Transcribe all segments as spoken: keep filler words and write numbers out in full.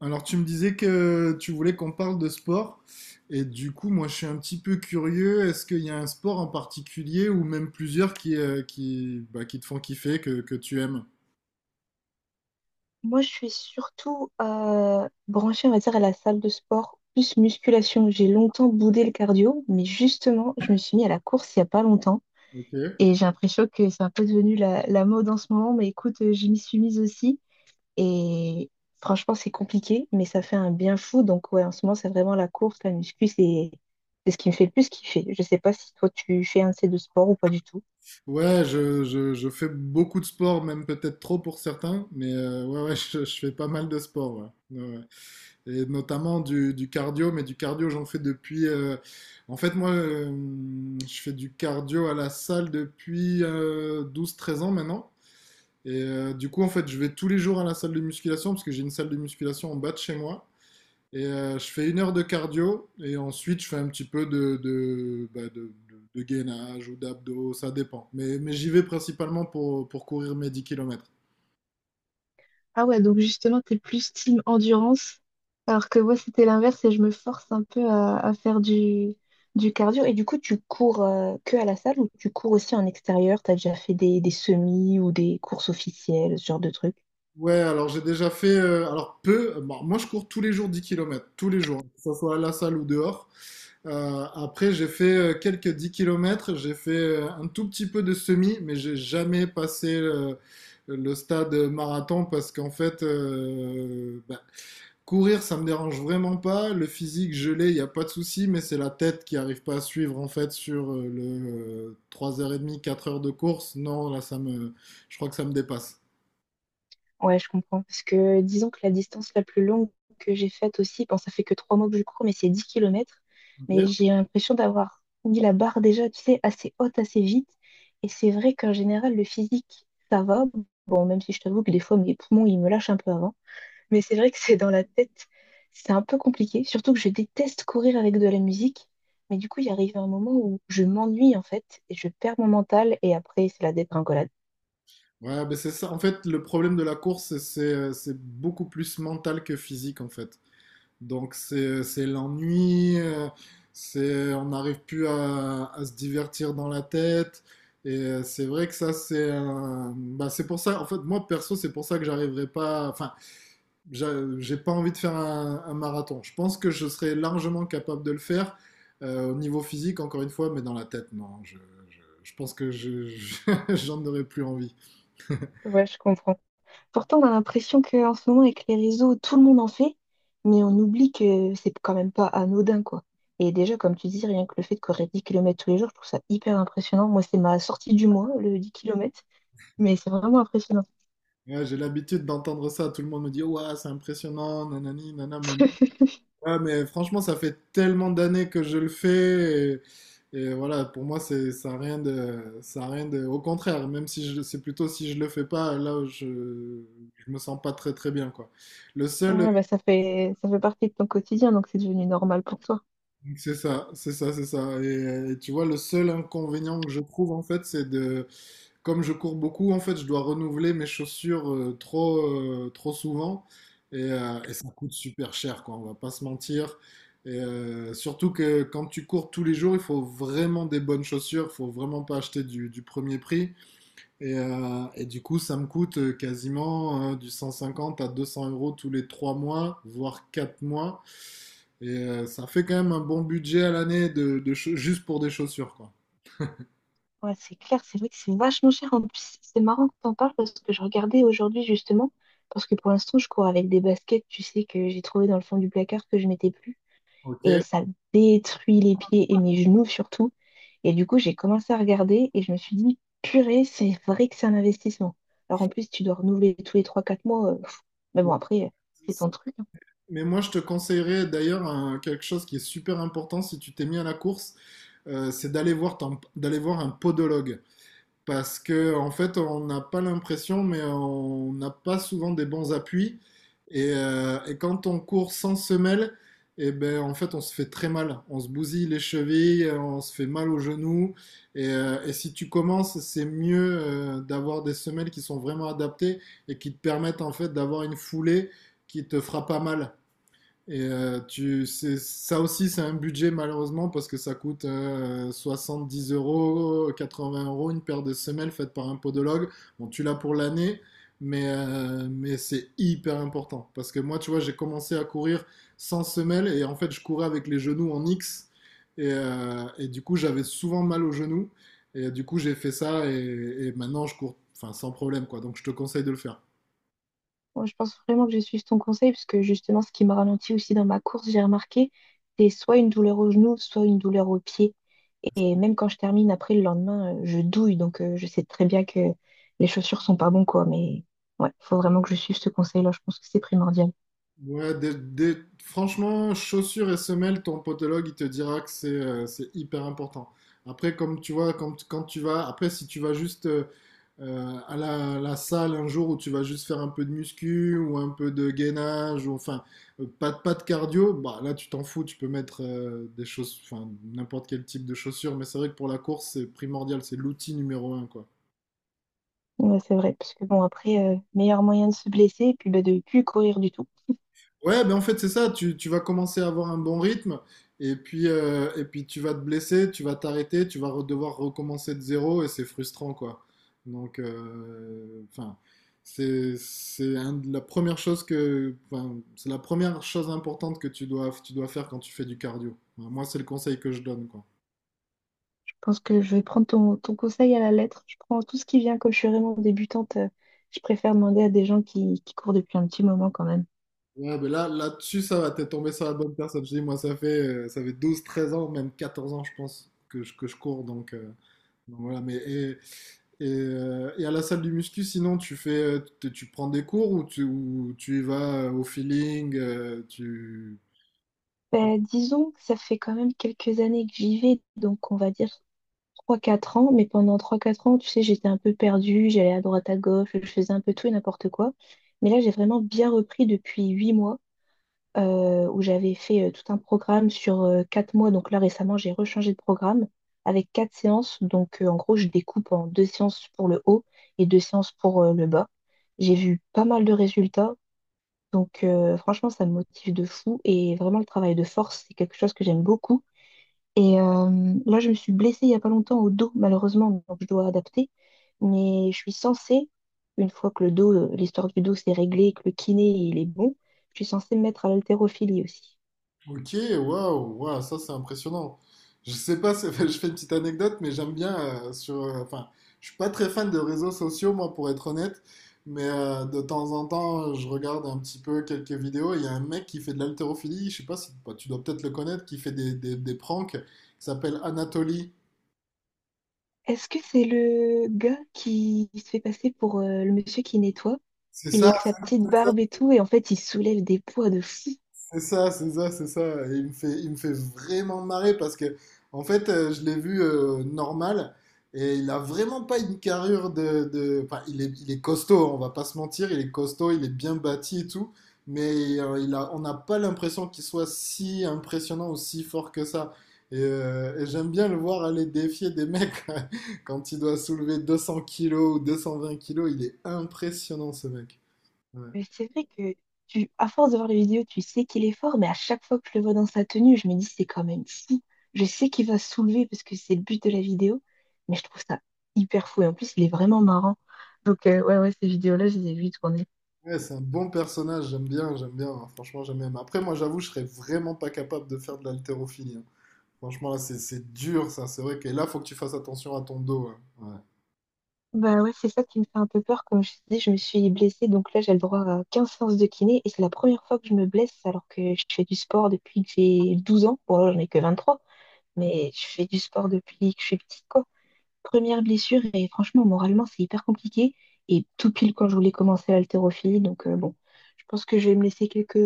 Alors, tu me disais que tu voulais qu'on parle de sport, et du coup, moi, je suis un petit peu curieux. Est-ce qu'il y a un sport en particulier, ou même plusieurs, qui, euh, qui, bah, qui te font kiffer, que, que tu aimes? Moi, je suis surtout euh, branchée, on va dire, à la salle de sport, plus musculation. J'ai longtemps boudé le cardio, mais justement, je me suis mis à la course il n'y a pas longtemps. Ok. Et j'ai l'impression que c'est un peu devenu la, la mode en ce moment. Mais écoute, euh, je m'y suis mise aussi. Et franchement, c'est compliqué, mais ça fait un bien fou. Donc, ouais, en ce moment, c'est vraiment la course, la muscu, c'est c'est ce qui me fait le plus kiffer. Je sais pas si toi, tu fais un de ces deux sports ou pas du tout. Ouais, je, je, je fais beaucoup de sport, même peut-être trop pour certains, mais euh, ouais, ouais, je, je fais pas mal de sport, ouais. Ouais, ouais. Et notamment du, du cardio, mais du cardio, j'en fais depuis... euh, En fait, moi, euh, je fais du cardio à la salle depuis euh, douze treize ans maintenant. Et euh, du coup, en fait, je vais tous les jours à la salle de musculation parce que j'ai une salle de musculation en bas de chez moi. Et euh, je fais une heure de cardio et ensuite je fais un petit peu de, de, bah, de- de- de gainage ou d'abdos, ça dépend. Mais, mais j'y vais principalement pour, pour courir mes dix kilomètres. Ah ouais, donc justement, t'es plus team endurance, alors que moi, c'était l'inverse et je me force un peu à, à faire du, du cardio. Et du coup, tu cours euh, que à la salle ou tu cours aussi en extérieur? T'as déjà fait des, des semis ou des courses officielles, ce genre de trucs? Ouais, alors j'ai déjà fait, euh, alors peu, bon, moi je cours tous les jours dix kilomètres tous les jours, que ce soit à la salle ou dehors. Euh, après, j'ai fait euh, quelques dix kilomètres, j'ai fait euh, un tout petit peu de semi, mais j'ai jamais passé euh, le stade marathon parce qu'en fait, euh, bah, courir, ça me dérange vraiment pas. Le physique, je l'ai, il n'y a pas de souci, mais c'est la tête qui arrive pas à suivre en fait sur euh, le euh, trois heures trente, quatre heures de course. Non, là, ça me, je crois que ça me dépasse. Ouais, je comprends. Parce que disons que la distance la plus longue que j'ai faite aussi, bon, ça fait que trois mois que je cours, mais c'est dix kilomètres. Ok. Mais j'ai l'impression d'avoir mis la barre déjà, tu sais, assez haute, assez vite. Et c'est vrai qu'en général, le physique, ça va. Bon, même si je t'avoue que des fois, mes poumons, ils me lâchent un peu avant. Mais c'est vrai que c'est dans la tête, c'est un peu compliqué. Surtout que je déteste courir avec de la musique. Mais du coup, il arrive un moment où je m'ennuie, en fait, et je perds mon mental. Et après, c'est la dégringolade. Ouais, ben c'est ça. En fait, le problème de la course, c'est c'est beaucoup plus mental que physique en fait. Donc c'est c'est l'ennui, euh, c'est on n'arrive plus à, à se divertir dans la tête. Et euh, c'est vrai que ça c'est un- bah, c'est pour ça en fait, moi perso, c'est pour ça que j'arriverai pas, enfin j'a- j'ai pas envie de faire un, un marathon. Je pense que je serais largement capable de le faire euh, au niveau physique encore une fois, mais dans la tête non je je, je pense que je, je- j'en aurais plus envie. Ouais, je comprends. Pourtant, on a l'impression qu'en ce moment, avec les réseaux, tout le monde en fait, mais on oublie que c'est quand même pas anodin, quoi. Et déjà, comme tu dis, rien que le fait de courir dix kilomètres tous les jours, je trouve ça hyper impressionnant. Moi, c'est ma sortie du mois, le dix kilomètres. mais c'est vraiment impressionnant. Ouais, j'ai l'habitude d'entendre ça, tout le monde me dit ouah c'est impressionnant nanani nana mais ouais, mais franchement, ça fait tellement d'années que je le fais. Et, et voilà, pour moi, c'est, ça a rien de, ça a rien de. Au contraire, même si je, c'est plutôt si je le fais pas, là, je, je me sens pas très très bien, quoi. Le seul, Ouais, bah ça fait ça fait partie de ton quotidien, donc c'est devenu normal pour toi. c'est ça, c'est ça, c'est ça. Et, et tu vois, le seul inconvénient que je trouve, en fait, c'est de, comme je cours beaucoup, en fait, je dois renouveler mes chaussures euh, trop, euh, trop souvent et, euh, et ça coûte super cher, quoi, on va pas se mentir. Et euh, surtout que quand tu cours tous les jours, il faut vraiment des bonnes chaussures, il faut vraiment pas acheter du, du premier prix. Et, euh, et du coup, ça me coûte euh, quasiment euh, du cent cinquante à deux cents euros tous les trois mois, voire quatre mois. Et euh, ça fait quand même un bon budget à l'année de, de cha- juste pour des chaussures, quoi. Ouais, c'est clair, c'est vrai que c'est vachement cher. En plus, c'est marrant que t'en parles parce que je regardais aujourd'hui justement, parce que pour l'instant, je cours avec des baskets, tu sais, que j'ai trouvé dans le fond du placard que je mettais plus. Ok. et ça détruit les pieds et mes genoux surtout. Et du coup, j'ai commencé à regarder et je me suis dit, purée, c'est vrai que c'est un investissement. Alors en plus, tu dois renouveler tous les trois quatre mois. Euh, pff, mais bon, après, euh, c'est ton truc. hein. Mais moi, je te conseillerais d'ailleurs un- quelque chose qui est super important si tu t'es mis à la course, euh, c'est d'aller voir, ton- d'aller voir un podologue. Parce que, en fait, on n'a pas l'impression, mais on n'a pas souvent des bons appuis. Et, euh, et quand on court sans semelle, et ben, en fait, on se fait très mal. On se bousille les chevilles, on se fait mal aux genoux. Et, euh, et si tu commences, c'est mieux euh, d'avoir des semelles qui sont vraiment adaptées et qui te permettent, en fait, d'avoir une foulée qui te fera pas mal. Et euh, tu, c'est- ça aussi, c'est un budget, malheureusement, parce que ça coûte euh, dix euros, quatre-vingts euros une paire de semelles faite par un podologue. Bon, tu l'as pour l'année, mais, euh, mais c'est hyper important. Parce que moi, tu vois, j'ai commencé à courir sans semelle et en fait, je courais avec les genoux en X. Et, euh, et du coup, j'avais souvent mal aux genoux. Et du coup, j'ai fait ça et, et maintenant, je cours, enfin, sans problème, quoi. Donc, je te conseille de le faire. Moi, je pense vraiment que je suis ton conseil parce que justement, ce qui m'a ralenti aussi dans ma course, j'ai remarqué, c'est soit une douleur au genou, soit une douleur au pied. Et même quand je termine, après le lendemain, euh, je douille. Donc euh, je sais très bien que les chaussures sont pas bon, quoi. Mais ouais, faut vraiment que je suive ce conseil-là. Je pense que c'est primordial. Ouais, des- des- franchement, chaussures et semelles, ton podologue, il te dira que c'est euh, c'est hyper important. Après, comme tu vois, quand, quand tu vas, après, si tu vas juste euh, euh, à la, la salle un jour où tu vas juste faire un peu de muscu ou un peu de gainage, ou enfin, euh, pas, de- pas de cardio, bah là, tu t'en fous, tu peux mettre euh, des choses, enfin, n'importe quel type de chaussures, mais c'est vrai que pour la course, c'est primordial, c'est l'outil numéro un, quoi. Ouais, c'est vrai, parce que bon, après, euh, meilleur moyen de se blesser et puis bah, de plus courir du tout. Ouais, ben en fait, c'est ça. Tu, tu vas commencer à avoir un bon rythme et puis, euh, et puis tu vas te blesser, tu vas t'arrêter, tu vas re- devoir recommencer de zéro et c'est frustrant, quoi. Donc, euh, enfin, c'est, c'est un de la première chose que, enfin, c'est la première chose importante que tu dois, tu dois faire quand tu fais du cardio. Enfin, moi, c'est le conseil que je donne, quoi. Je pense que je vais prendre ton, ton conseil à la lettre. Je prends tout ce qui vient, comme je suis vraiment débutante, euh, je préfère demander à des gens qui, qui courent depuis un petit moment quand même. Ouais, ben là, là-dessus, ça va, t'es tombé sur la bonne personne. Je dis, moi, ça fait, euh, ça fait douze, treize ans, même quatorze ans, je pense, que je, que je cours, donc, euh, donc voilà. Mais, et Et, euh, et à la salle du muscu, sinon, tu fais, tu, tu prends des cours ou tu, ou tu y vas euh, au feeling, euh, tu... Bah, disons que ça fait quand même quelques années que j'y vais, donc on va dire trois quatre ans, mais pendant trois quatre ans, tu sais, j'étais un peu perdue, j'allais à droite à gauche, je faisais un peu tout et n'importe quoi. Mais là, j'ai vraiment bien repris depuis huit mois. euh, où j'avais fait euh, tout un programme sur euh, quatre mois. Donc là, récemment, j'ai rechangé de programme avec quatre séances. Donc euh, en gros, je découpe en deux séances pour le haut et deux séances pour euh, le bas. J'ai vu pas mal de résultats. Donc euh, franchement, ça me motive de fou. Et vraiment, le travail de force, c'est quelque chose que j'aime beaucoup. Et euh, là, je me suis blessée il n'y a pas longtemps au dos, malheureusement. Donc je dois adapter. Mais je suis censée, une fois que le dos, euh, l'histoire du dos s'est réglée, et que le kiné, il est bon, je suis censée me mettre à l'haltérophilie aussi. Ok, waouh, waouh, ça c'est impressionnant. Je sais pas, c'est- je fais une petite anecdote, mais j'aime bien euh, sur. Euh, Enfin, je suis pas très fan de réseaux sociaux, moi, pour être honnête, mais euh, de temps en temps, je regarde un petit peu quelques vidéos. Il y a un mec qui fait de l'haltérophilie, je sais pas si, bah, tu dois peut-être le connaître, qui fait des, des, des pranks, qui s'appelle Anatoly. Est-ce que c'est le gars qui se fait passer pour euh, le monsieur qui nettoie? C'est Il est ça? avec sa petite barbe et tout, et en fait, il soulève des poids de fou. C'est ça, c'est ça, c'est ça. Et il me fait, il me fait vraiment marrer parce que, en fait, euh, je l'ai vu euh, normal et il a vraiment pas une carrure de, de- enfin, il est, il est costaud, hein, on va pas se mentir, il est costaud, il est bien bâti et tout, mais euh, il a, on n'a pas l'impression qu'il soit si impressionnant ou si fort que ça. Et, euh, et j'aime bien le voir aller défier des mecs quand il doit soulever deux cents kilos ou deux cent vingt kilos. Il est impressionnant, ce mec. Ouais. Mais c'est vrai que tu, à force de voir les vidéos, tu sais qu'il est fort, mais à chaque fois que je le vois dans sa tenue, je me dis c'est quand même fou. Je sais qu'il va soulever parce que c'est le but de la vidéo, mais je trouve ça hyper fou. Et en plus, il est vraiment marrant. Donc, euh, ouais, ouais, ces vidéos-là, je les ai vues tourner. Ouais, c'est un bon personnage, j'aime bien, j'aime bien, hein, franchement j'aime bien. Mais après, moi, j'avoue, je serais vraiment pas capable de faire de l'haltérophilie, hein. Franchement, là c'est c'est dur ça, c'est vrai que là faut que tu fasses attention à ton dos, hein. Ouais. Bah ouais, c'est ça qui me fait un peu peur. Comme je te dis, je me suis blessée, donc là j'ai le droit à quinze séances de kiné et c'est la première fois que je me blesse alors que je fais du sport depuis que j'ai douze ans. Bon, là j'en ai que vingt trois mais je fais du sport depuis que je suis petite, quoi. Première blessure et franchement, moralement, c'est hyper compliqué. Et tout pile quand je voulais commencer l'haltérophilie, donc euh, bon, je pense que je vais me laisser quelques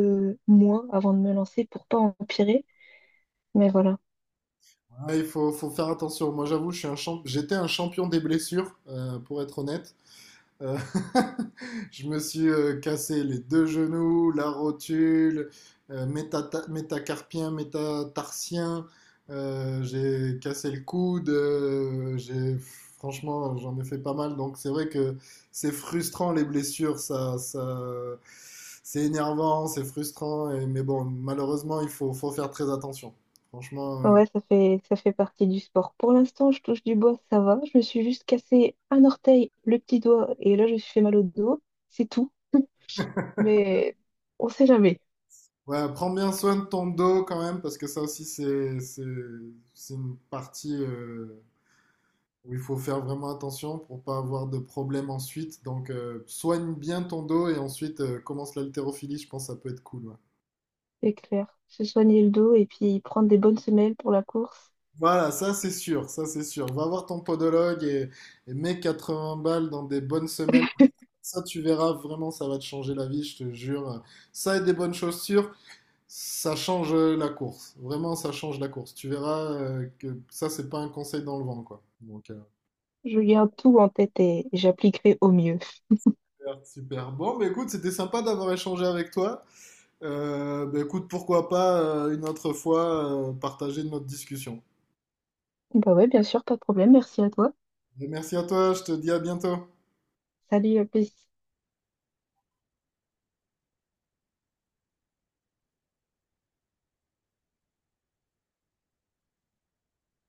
mois avant de me lancer pour pas empirer. Mais voilà. Ouais, il faut, faut faire attention, moi j'avoue je suis un champ... j'étais un champion des blessures, euh, pour être honnête. Euh, je me suis euh, cassé les deux genoux, la rotule, euh, métata- métacarpien, métatarsien. Euh, j'ai cassé le coude. Euh, j'ai Franchement, j'en ai fait pas mal. Donc c'est vrai que c'est frustrant, les blessures. Ça, ça, c'est énervant, c'est frustrant. Et- mais bon, malheureusement, il faut, faut faire très attention. Franchement. Euh, Ouais, ça fait, ça fait partie du sport. Pour l'instant, je touche du bois, ça va. Je me suis juste cassé un orteil, le petit doigt, et là, je me suis fait mal au dos. C'est tout. Mais on sait jamais, Ouais, prends bien soin de ton dos quand même, parce que ça aussi, c'est c'est- c'est une partie euh, Il faut faire vraiment attention pour pas avoir de problème ensuite. Donc, euh, soigne bien ton dos et ensuite euh, commence l'haltérophilie. Je pense que ça peut être cool, ouais. c'est clair. Se soigner le dos et puis prendre des bonnes semelles pour la course. Voilà, ça c'est sûr, ça c'est sûr. Va voir ton podologue et, et mets quatre-vingts balles dans des bonnes semelles. Ça, tu verras vraiment, ça va te changer la vie, je te jure. Ça et des bonnes chaussures, ça change euh, la course. Vraiment, ça change la course. Tu verras euh, que ça, c'est pas un conseil dans le vent, quoi. Donc, euh, Je garde tout en tête et j'appliquerai au mieux. super, super. Bon, mais écoute, c'était sympa d'avoir échangé avec toi. Euh, bah, écoute, pourquoi pas euh, une autre fois euh, partager notre discussion. Bah ouais, bien sûr, pas de problème. Merci à toi. Et merci à toi, je te dis à bientôt. Salut, à plus.